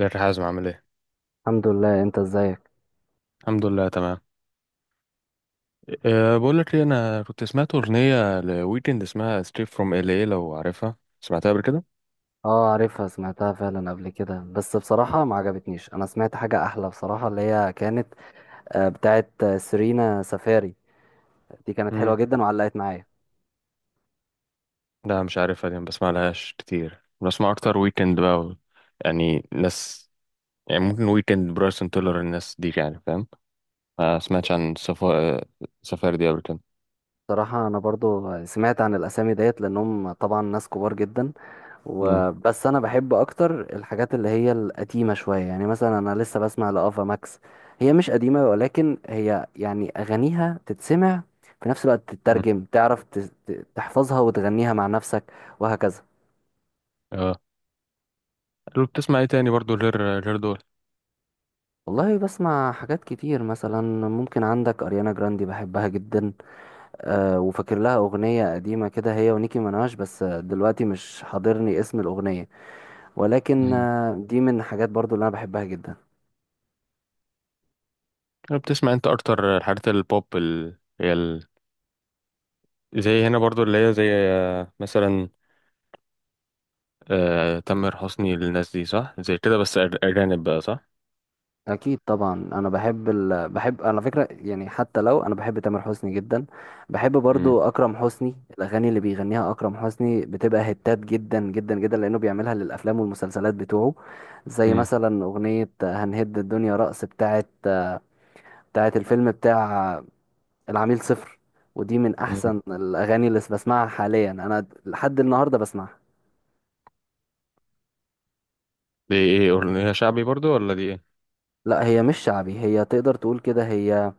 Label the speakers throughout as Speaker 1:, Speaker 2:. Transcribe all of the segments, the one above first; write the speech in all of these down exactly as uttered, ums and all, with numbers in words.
Speaker 1: ازيك يا حازم، عامل ايه؟
Speaker 2: الحمد لله، انت ازيك؟
Speaker 1: الحمد لله تمام. أه بقول لك ايه، انا كنت سمعت اغنيه لويكند اسمها ستريت فروم ال اي، لو عارفها سمعتها قبل كده؟
Speaker 2: اه عارفها، سمعتها فعلا قبل كده، بس بصراحة ما عجبتنيش. انا سمعت حاجة احلى بصراحة، اللي هي كانت آه، بتاعت آه، سيرينا سفاري. دي كانت حلوة
Speaker 1: امم
Speaker 2: جدا وعلقت معايا.
Speaker 1: لا، مش عارفها، دي ما بسمعلهاش كتير، بسمع اكتر ويكند بقى و- يعني ناس، يعني ممكن ويكند، برايسون تيلر، الناس دي، يعني فاهم. ما سمعتش عن سفا... سفاري دي قبل كده.
Speaker 2: بصراحة انا برضو سمعت عن الاسامي ديت لانهم طبعا ناس كبار جدا،
Speaker 1: امم
Speaker 2: وبس انا بحب اكتر الحاجات اللي هي القديمة شوية. يعني مثلا انا لسه بسمع لافا ماكس. هي مش قديمة، ولكن هي يعني اغانيها تتسمع في نفس الوقت
Speaker 1: امم.
Speaker 2: تترجم، تعرف تت- تحفظها وتغنيها مع نفسك وهكذا.
Speaker 1: اه، لو بتسمع ايه تاني برضو، غير غير دول؟
Speaker 2: والله بسمع حاجات كتير. مثلا ممكن عندك أريانا جراندي، بحبها جدا. أه، وفاكر لها أغنية قديمة كده هي ونيكي مناش، بس آه، دلوقتي مش حاضرني اسم الأغنية. ولكن
Speaker 1: امم.
Speaker 2: آه، دي من الحاجات برضو اللي أنا بحبها جدا.
Speaker 1: لو بتسمع انت اكتر الحاجات البوب ال... هي ال... زي هنا برضو اللي هي زي آه، مثلا آه، تامر حسني، للناس دي صح زي كده، بس أج- اجانب بقى، صح؟
Speaker 2: أكيد طبعا، أنا بحب ال... بحب على فكرة، يعني حتى لو أنا بحب تامر حسني جدا، بحب
Speaker 1: امم.
Speaker 2: برضو أكرم حسني. الأغاني اللي بيغنيها أكرم حسني بتبقى هتات جدا جدا جدا، لأنه بيعملها للأفلام والمسلسلات بتوعه. زي
Speaker 1: امم.
Speaker 2: مثلا أغنية هنهد الدنيا رقص بتاعت بتاعت الفيلم بتاع العميل صفر. ودي من
Speaker 1: أمم.
Speaker 2: احسن الاغاني اللي بسمعها حاليا، انا لحد النهارده بسمعها.
Speaker 1: دي ايه، اغنيه شعبي برضو ولا دي ايه؟
Speaker 2: لا، هي مش شعبي، هي تقدر تقول كده، هي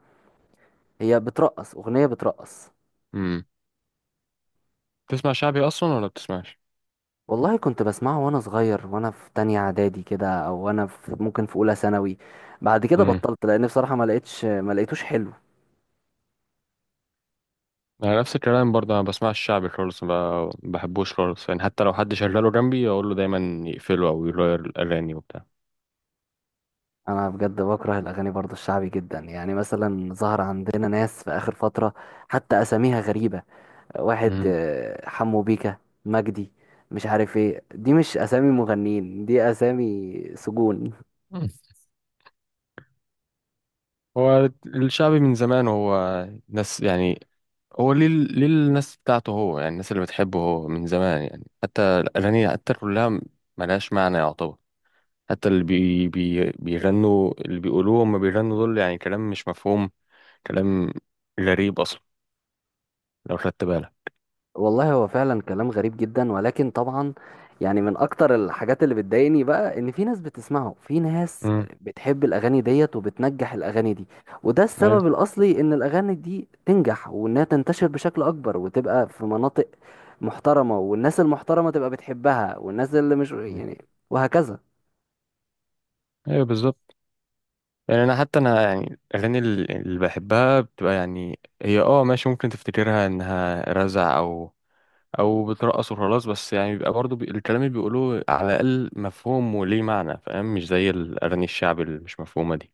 Speaker 2: هي بترقص، اغنيه بترقص.
Speaker 1: امم. بتسمع شعبي اصلا ولا بتسمعش؟
Speaker 2: والله كنت بسمعه وانا صغير وانا في تانية اعدادي كده، او وانا في، ممكن في اولى ثانوي. بعد كده
Speaker 1: امم.
Speaker 2: بطلت لان بصراحه ما لقيتش ما لقيتوش حلو.
Speaker 1: انا نفس الكلام برضه، انا بسمعش شعبي خالص، ما بحبوش خالص، يعني حتى لو حد شغله جنبي اقول له دايما يقفله او يغير الاغاني وبتاع.
Speaker 2: انا بجد بكره الاغاني برضو الشعبي جدا. يعني مثلا ظهر عندنا ناس في اخر فتره حتى اساميها غريبه. واحد
Speaker 1: امم.
Speaker 2: آه، حمو بيكا، مجدي، مش عارف ايه. دي مش اسامي مغنيين، دي اسامي سجون.
Speaker 1: أمم. هو الشعبي من زمان هو ناس يعني، هو ليه ليه الناس بتاعته هو، يعني الناس اللي بتحبه هو من زمان، يعني حتى الأغاني حتى كلها ملهاش معنى يعتبر. حتى اللي بي بي بيغنوا، اللي بيقولوه هما بيغنوا دول، يعني كلام مش مفهوم، كلام غريب اصلا، لو خدت بالك.
Speaker 2: والله هو فعلا كلام غريب جدا، ولكن طبعا يعني من اكتر الحاجات اللي بتضايقني بقى ان في ناس بتسمعه، في ناس
Speaker 1: امم.
Speaker 2: بتحب الاغاني ديت، وبتنجح الاغاني دي. وده
Speaker 1: ايوه.
Speaker 2: السبب الاصلي ان الاغاني دي تنجح وانها تنتشر بشكل اكبر وتبقى في مناطق محترمة، والناس المحترمة تبقى بتحبها، والناس اللي مش،
Speaker 1: مم.
Speaker 2: يعني، وهكذا.
Speaker 1: ايوه بالظبط. يعني انا حتى انا، يعني الاغاني ال- اللي بحبها بتبقى يعني هي اه ماشي، ممكن تفتكرها انها رزع او او بترقص وخلاص، بس يعني بيبقى برضه بي... الكلام اللي بيقولوه على الاقل مفهوم وليه معنى فاهم، مش زي الاغاني الشعب اللي مش مفهومه دي.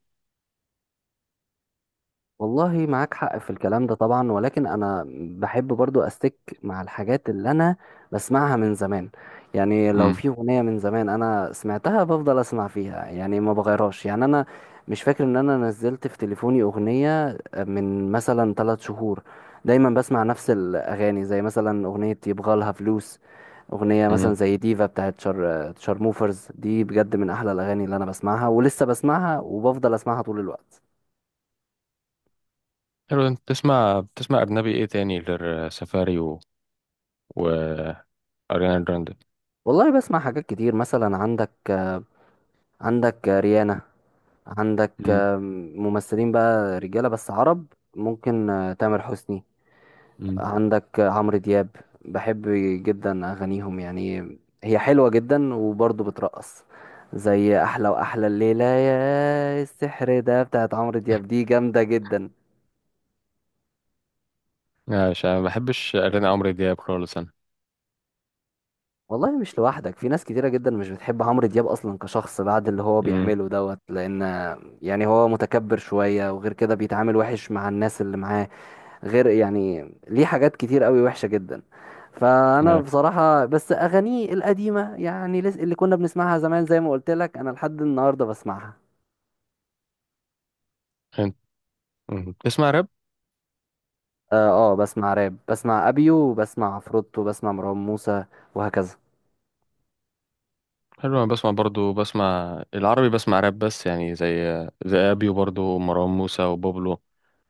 Speaker 2: والله معاك حق في الكلام ده طبعا، ولكن انا بحب برضو استك مع الحاجات اللي انا بسمعها من زمان. يعني لو
Speaker 1: امم.
Speaker 2: في اغنية من زمان انا سمعتها بفضل اسمع فيها، يعني ما بغيرهاش. يعني انا مش فاكر ان انا نزلت في تليفوني اغنية من مثلا ثلاث شهور. دايما بسمع نفس الاغاني، زي مثلا اغنية يبغالها فلوس، اغنية مثلا
Speaker 1: امم.
Speaker 2: زي ديفا بتاعت شار شارموفرز. دي بجد من احلى الاغاني اللي انا بسمعها، ولسه بسمعها وبفضل اسمعها طول الوقت.
Speaker 1: حلو، انت بتسمع بتسمع اجنبي ايه تاني غير سفاري و... و... اريانا جراندي؟
Speaker 2: والله بسمع حاجات كتير. مثلا عندك عندك ريانا، عندك
Speaker 1: امم.
Speaker 2: ممثلين بقى، رجالة بس عرب، ممكن آه، تامر حسني،
Speaker 1: امم.
Speaker 2: عندك عمرو دياب. بحب جدا أغانيهم، يعني هي حلوة جدا وبرضه بترقص. زي أحلى وأحلى، الليلة يا السحر ده بتاعت عمرو دياب، دي جامدة جدا.
Speaker 1: لا، مش أنا، ما بحبش اريانا، عمرو دياب خالص انا.
Speaker 2: والله مش لوحدك، في ناس كتيرة جدا مش بتحب عمرو دياب أصلا كشخص بعد اللي هو
Speaker 1: امم.
Speaker 2: بيعمله دوت. لأن يعني هو متكبر شوية، وغير كده بيتعامل وحش مع الناس اللي معاه، غير يعني ليه حاجات كتير قوي وحشة جدا. فأنا
Speaker 1: لا.
Speaker 2: بصراحة بس أغانيه القديمة، يعني لس- اللي كنا بنسمعها زمان، زي ما قلت لك أنا لحد النهاردة بسمعها.
Speaker 1: انت مم، بتسمع راب؟
Speaker 2: آه, آه بسمع راب، بسمع أبيو وبسمع عفروتو وبسمع مروان موسى وهكذا.
Speaker 1: حلو، انا بسمع برضو، بسمع العربي، بسمع راب، بس يعني زي زي ابيو برضو، ومروان موسى، وبابلو،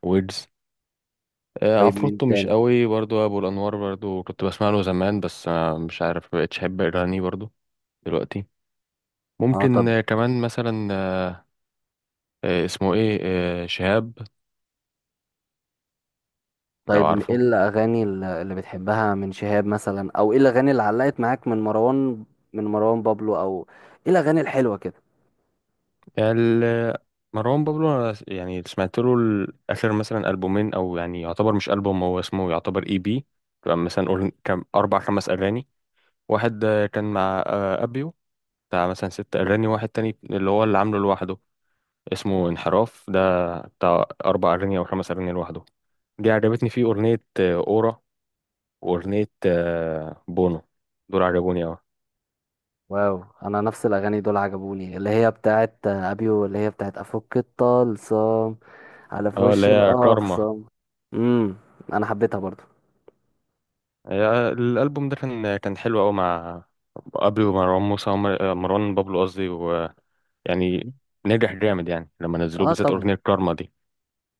Speaker 1: ويجز. آه،
Speaker 2: طيب مين
Speaker 1: عفروتو مش
Speaker 2: تاني؟
Speaker 1: قوي برضو، ابو الانوار برضو كنت بسمع له زمان، بس آه، مش عارف، مبقتش احب اغانيه برضو دلوقتي.
Speaker 2: اه،
Speaker 1: ممكن
Speaker 2: طب،
Speaker 1: آه، كمان مثلا آه، اسمه ايه، آه، شهاب، لو
Speaker 2: طيب م- ايه
Speaker 1: عارفه.
Speaker 2: الاغاني الل- اللي بتحبها من شهاب مثلا، او ايه الاغاني اللي علقت معاك من مروان، من مروان بابلو، او ايه الاغاني الحلوه كده؟
Speaker 1: ال- مروان بابلو أنا س- يعني سمعت له ال- اخر مثلا البومين، او يعني يعتبر مش البوم، هو اسمه يعتبر اي بي، تبقى مثلا قول كم اربع خمس اغاني. واحد آه، كان مع آه، ابيو، بتاع مثلا ست اغاني. واحد تاني اللي هو اللي عامله لوحده اسمه انحراف ده، بتاع اربع اغاني او خمس اغاني لوحده. دي عجبتني فيه اغنيه آه، اورا، واغنيه آه، بونو، دول عجبوني اوي.
Speaker 2: واو، انا نفس الاغاني دول عجبوني، اللي هي بتاعت آه، ابيو، اللي هي بتاعت افك الطلسم، على في
Speaker 1: اه، اللي
Speaker 2: وش
Speaker 1: هي كارما.
Speaker 2: الاخصم. امم، انا حبيتها برضو.
Speaker 1: يا- الالبوم ده كان كان حلو قوي مع ابري ومروان موسى ومر- آه، مروان بابلو قصدي، ويعني نجح جامد، يعني لما نزلوه
Speaker 2: اه
Speaker 1: بالذات
Speaker 2: طبعا،
Speaker 1: اغنيه كارما دي.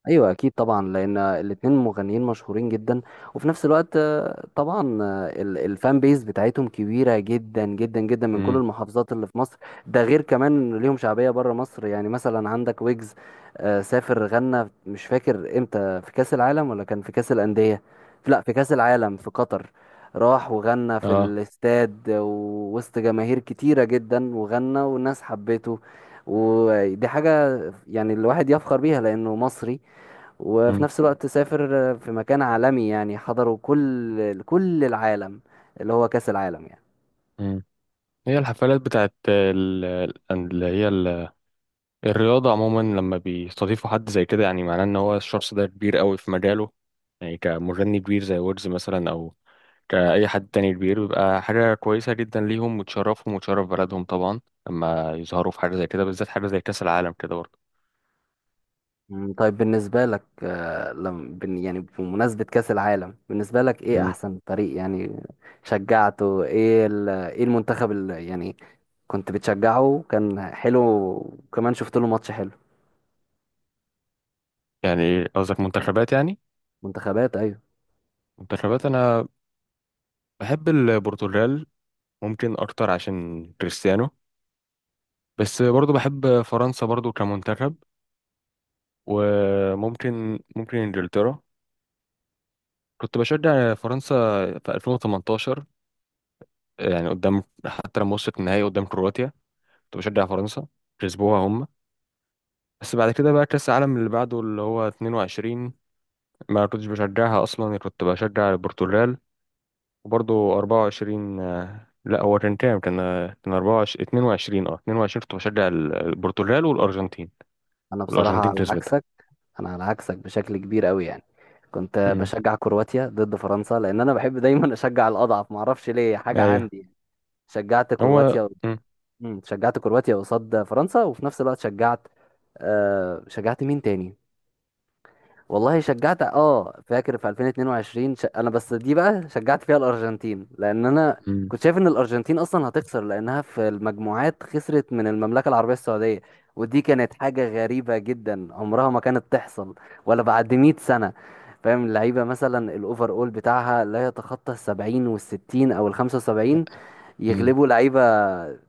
Speaker 2: ايوه اكيد طبعا، لان الاتنين مغنيين مشهورين جدا. وفي نفس الوقت آه، طبعا آه، ال- الفان بيز بتاعتهم كبيره جدا جدا جدا، من كل
Speaker 1: امم.
Speaker 2: المحافظات اللي في مصر. ده غير كمان إن ليهم شعبيه بره مصر. يعني مثلا عندك ويجز، آه، سافر غنى، مش فاكر امتى، في كاس العالم ولا كان في كاس الانديه. لا، في كاس العالم في قطر. راح وغنى في
Speaker 1: اه.
Speaker 2: الاستاد ووسط جماهير كتيره جدا، وغنى والناس حبته. ودي حاجه يعني الواحد يفخر بيها لانه مصري، وفي
Speaker 1: امم.
Speaker 2: نفس الوقت سافر في مكان عالمي يعني حضره كل كل العالم، اللي هو كأس العالم يعني.
Speaker 1: امم. هي الحفلات بتاعت ال- ال- اللي هي ال- الرياضه عموما، لما بيستضيفوا حد زي كده، يعني معناه ان هو الشخص ده كبير قوي في مجاله. يعني كمغني كبير زي ويجز مثلا، كأي حد تاني كبير، بيبقى حاجة كويسة جدا ليهم وتشرفهم وتشرف بلدهم طبعا، لما يظهروا في حاجة زي كده، بالذات حاجة زي كأس العالم كده برضه.
Speaker 2: مم، طيب بالنسبة لك، آه، لم بن- يعني بمناسبة كأس العالم، بالنسبة لك ايه
Speaker 1: مم.
Speaker 2: احسن فريق؟ يعني شجعته ايه، ال- ايه المنتخب اللي يعني كنت بتشجعه، كان حلو وكمان شفت له ماتش حلو؟
Speaker 1: يعني قصدك منتخبات يعني؟
Speaker 2: منتخبات، ايوه.
Speaker 1: منتخبات أنا بحب البرتغال، ممكن أكتر عشان كريستيانو، بس برضه بحب فرنسا برضه كمنتخب، وممكن ممكن إنجلترا. كنت بشجع فرنسا في ألفين وتمنتاشر، يعني قدام حتى لما وصلت النهائي قدام كرواتيا كنت بشجع فرنسا، كسبوها هم. بس بعد كده بقى كأس العالم اللي بعده اللي هو اتنين وعشرين، ما كنتش بشجعها أصلا، كنت بشجع البرتغال. وبرضه اربعة وعشرين، آه، لا، هو كان كام، كان آه، كان أربعة وعشرين، اتنين وعشرين. اه اتنين وعشرين، كنت بشجع ال- البرتغال والأرجنتين،
Speaker 2: انا بصراحة
Speaker 1: والأرجنتين
Speaker 2: على
Speaker 1: كسبت.
Speaker 2: عكسك، انا على عكسك بشكل كبير قوي. يعني كنت
Speaker 1: امم.
Speaker 2: بشجع كرواتيا ضد فرنسا، لان انا بحب دايما اشجع الاضعف، ما اعرفش ليه، حاجه
Speaker 1: ايوه.
Speaker 2: عندي. شجعت
Speaker 1: هو
Speaker 2: كرواتيا.
Speaker 1: مم.
Speaker 2: مم، شجعت كرواتيا قصاد فرنسا، وفي نفس الوقت شجعت، آه شجعت مين تاني؟ والله شجعت، اه فاكر في ألفين واتنين وعشرين، ش... انا بس دي بقى شجعت فيها الارجنتين، لان انا
Speaker 1: امم.
Speaker 2: كنت شايف ان الارجنتين اصلا هتخسر، لانها في المجموعات خسرت من المملكه العربيه السعوديه. ودي كانت حاجه غريبه جدا، عمرها ما كانت تحصل ولا بعد ميت سنه. فاهم؟ اللعيبه مثلا الاوفر اول بتاعها لا يتخطى ال سبعين وال ستين او ال خمسة وسبعين،
Speaker 1: مم.
Speaker 2: يغلبوا لعيبه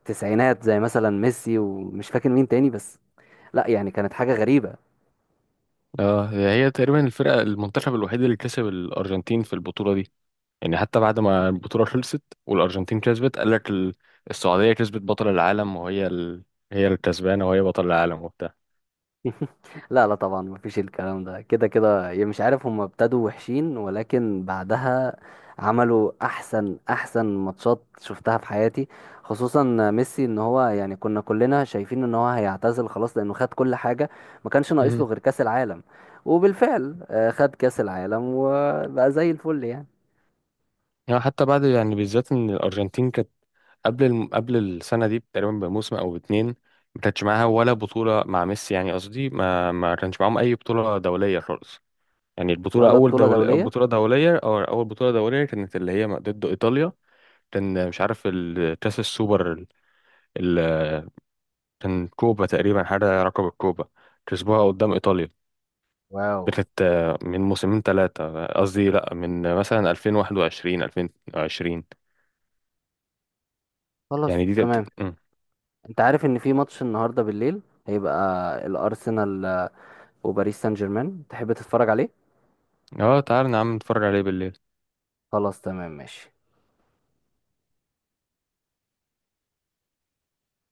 Speaker 2: تسعينات زي مثلا ميسي ومش فاكر مين تاني. بس لا، يعني كانت حاجه غريبه.
Speaker 1: اه، هي تقريبا الفرقة، المنتخب الوحيد اللي كسب الأرجنتين في البطولة دي. يعني حتى بعد ما البطولة خلصت والأرجنتين كسبت قال لك ال- السعودية كسبت بطل العالم، وهي ال... هي الكسبانة وهي بطل العالم وبتاع.
Speaker 2: لا لا، طبعا مفيش الكلام ده، كده كده يعني مش عارف، هم ابتدوا وحشين ولكن بعدها عملوا احسن احسن ماتشات شفتها في حياتي. خصوصا ميسي، ان هو يعني كنا كلنا شايفين ان هو هيعتزل خلاص لانه خد كل حاجة، ما كانش ناقص له
Speaker 1: امم.
Speaker 2: غير كأس العالم. وبالفعل آه، خد كأس العالم وبقى زي الفل يعني.
Speaker 1: يعني حتى بعد، يعني بالذات إن الأرجنتين كانت قبل الم... قبل السنة دي تقريبا بموسم أو باتنين، ما كانتش معاها ولا بطولة مع ميسي، يعني قصدي ما ما كانش معاهم أي بطولة دولية خالص. يعني البطولة
Speaker 2: ولا
Speaker 1: أول
Speaker 2: بطولة
Speaker 1: دول...
Speaker 2: دولية.
Speaker 1: بطولة دولية، أو أول بطولة دولية كانت اللي هي ضد إيطاليا. كان مش عارف ال- كأس السوبر ال... كان كوبا تقريبا، حاجة رقم الكوبا، كسبوها قدام إيطاليا.
Speaker 2: واو.
Speaker 1: دي كانت آه، من موسمين ثلاثة، قصدي لأ، من آه، مثلا ألفين وواحد وعشرين ألفين وعشرين. يعني
Speaker 2: خلاص
Speaker 1: دي تبت...
Speaker 2: تمام.
Speaker 1: مم.
Speaker 2: انت عارف ان في ماتش النهاردة بالليل هيبقى، الارسنال آه، وباريس سان جيرمان، تحب تتفرج عليه؟
Speaker 1: اه، تعال نعم نتفرج عليه بالليل.
Speaker 2: خلاص تمام ماشي.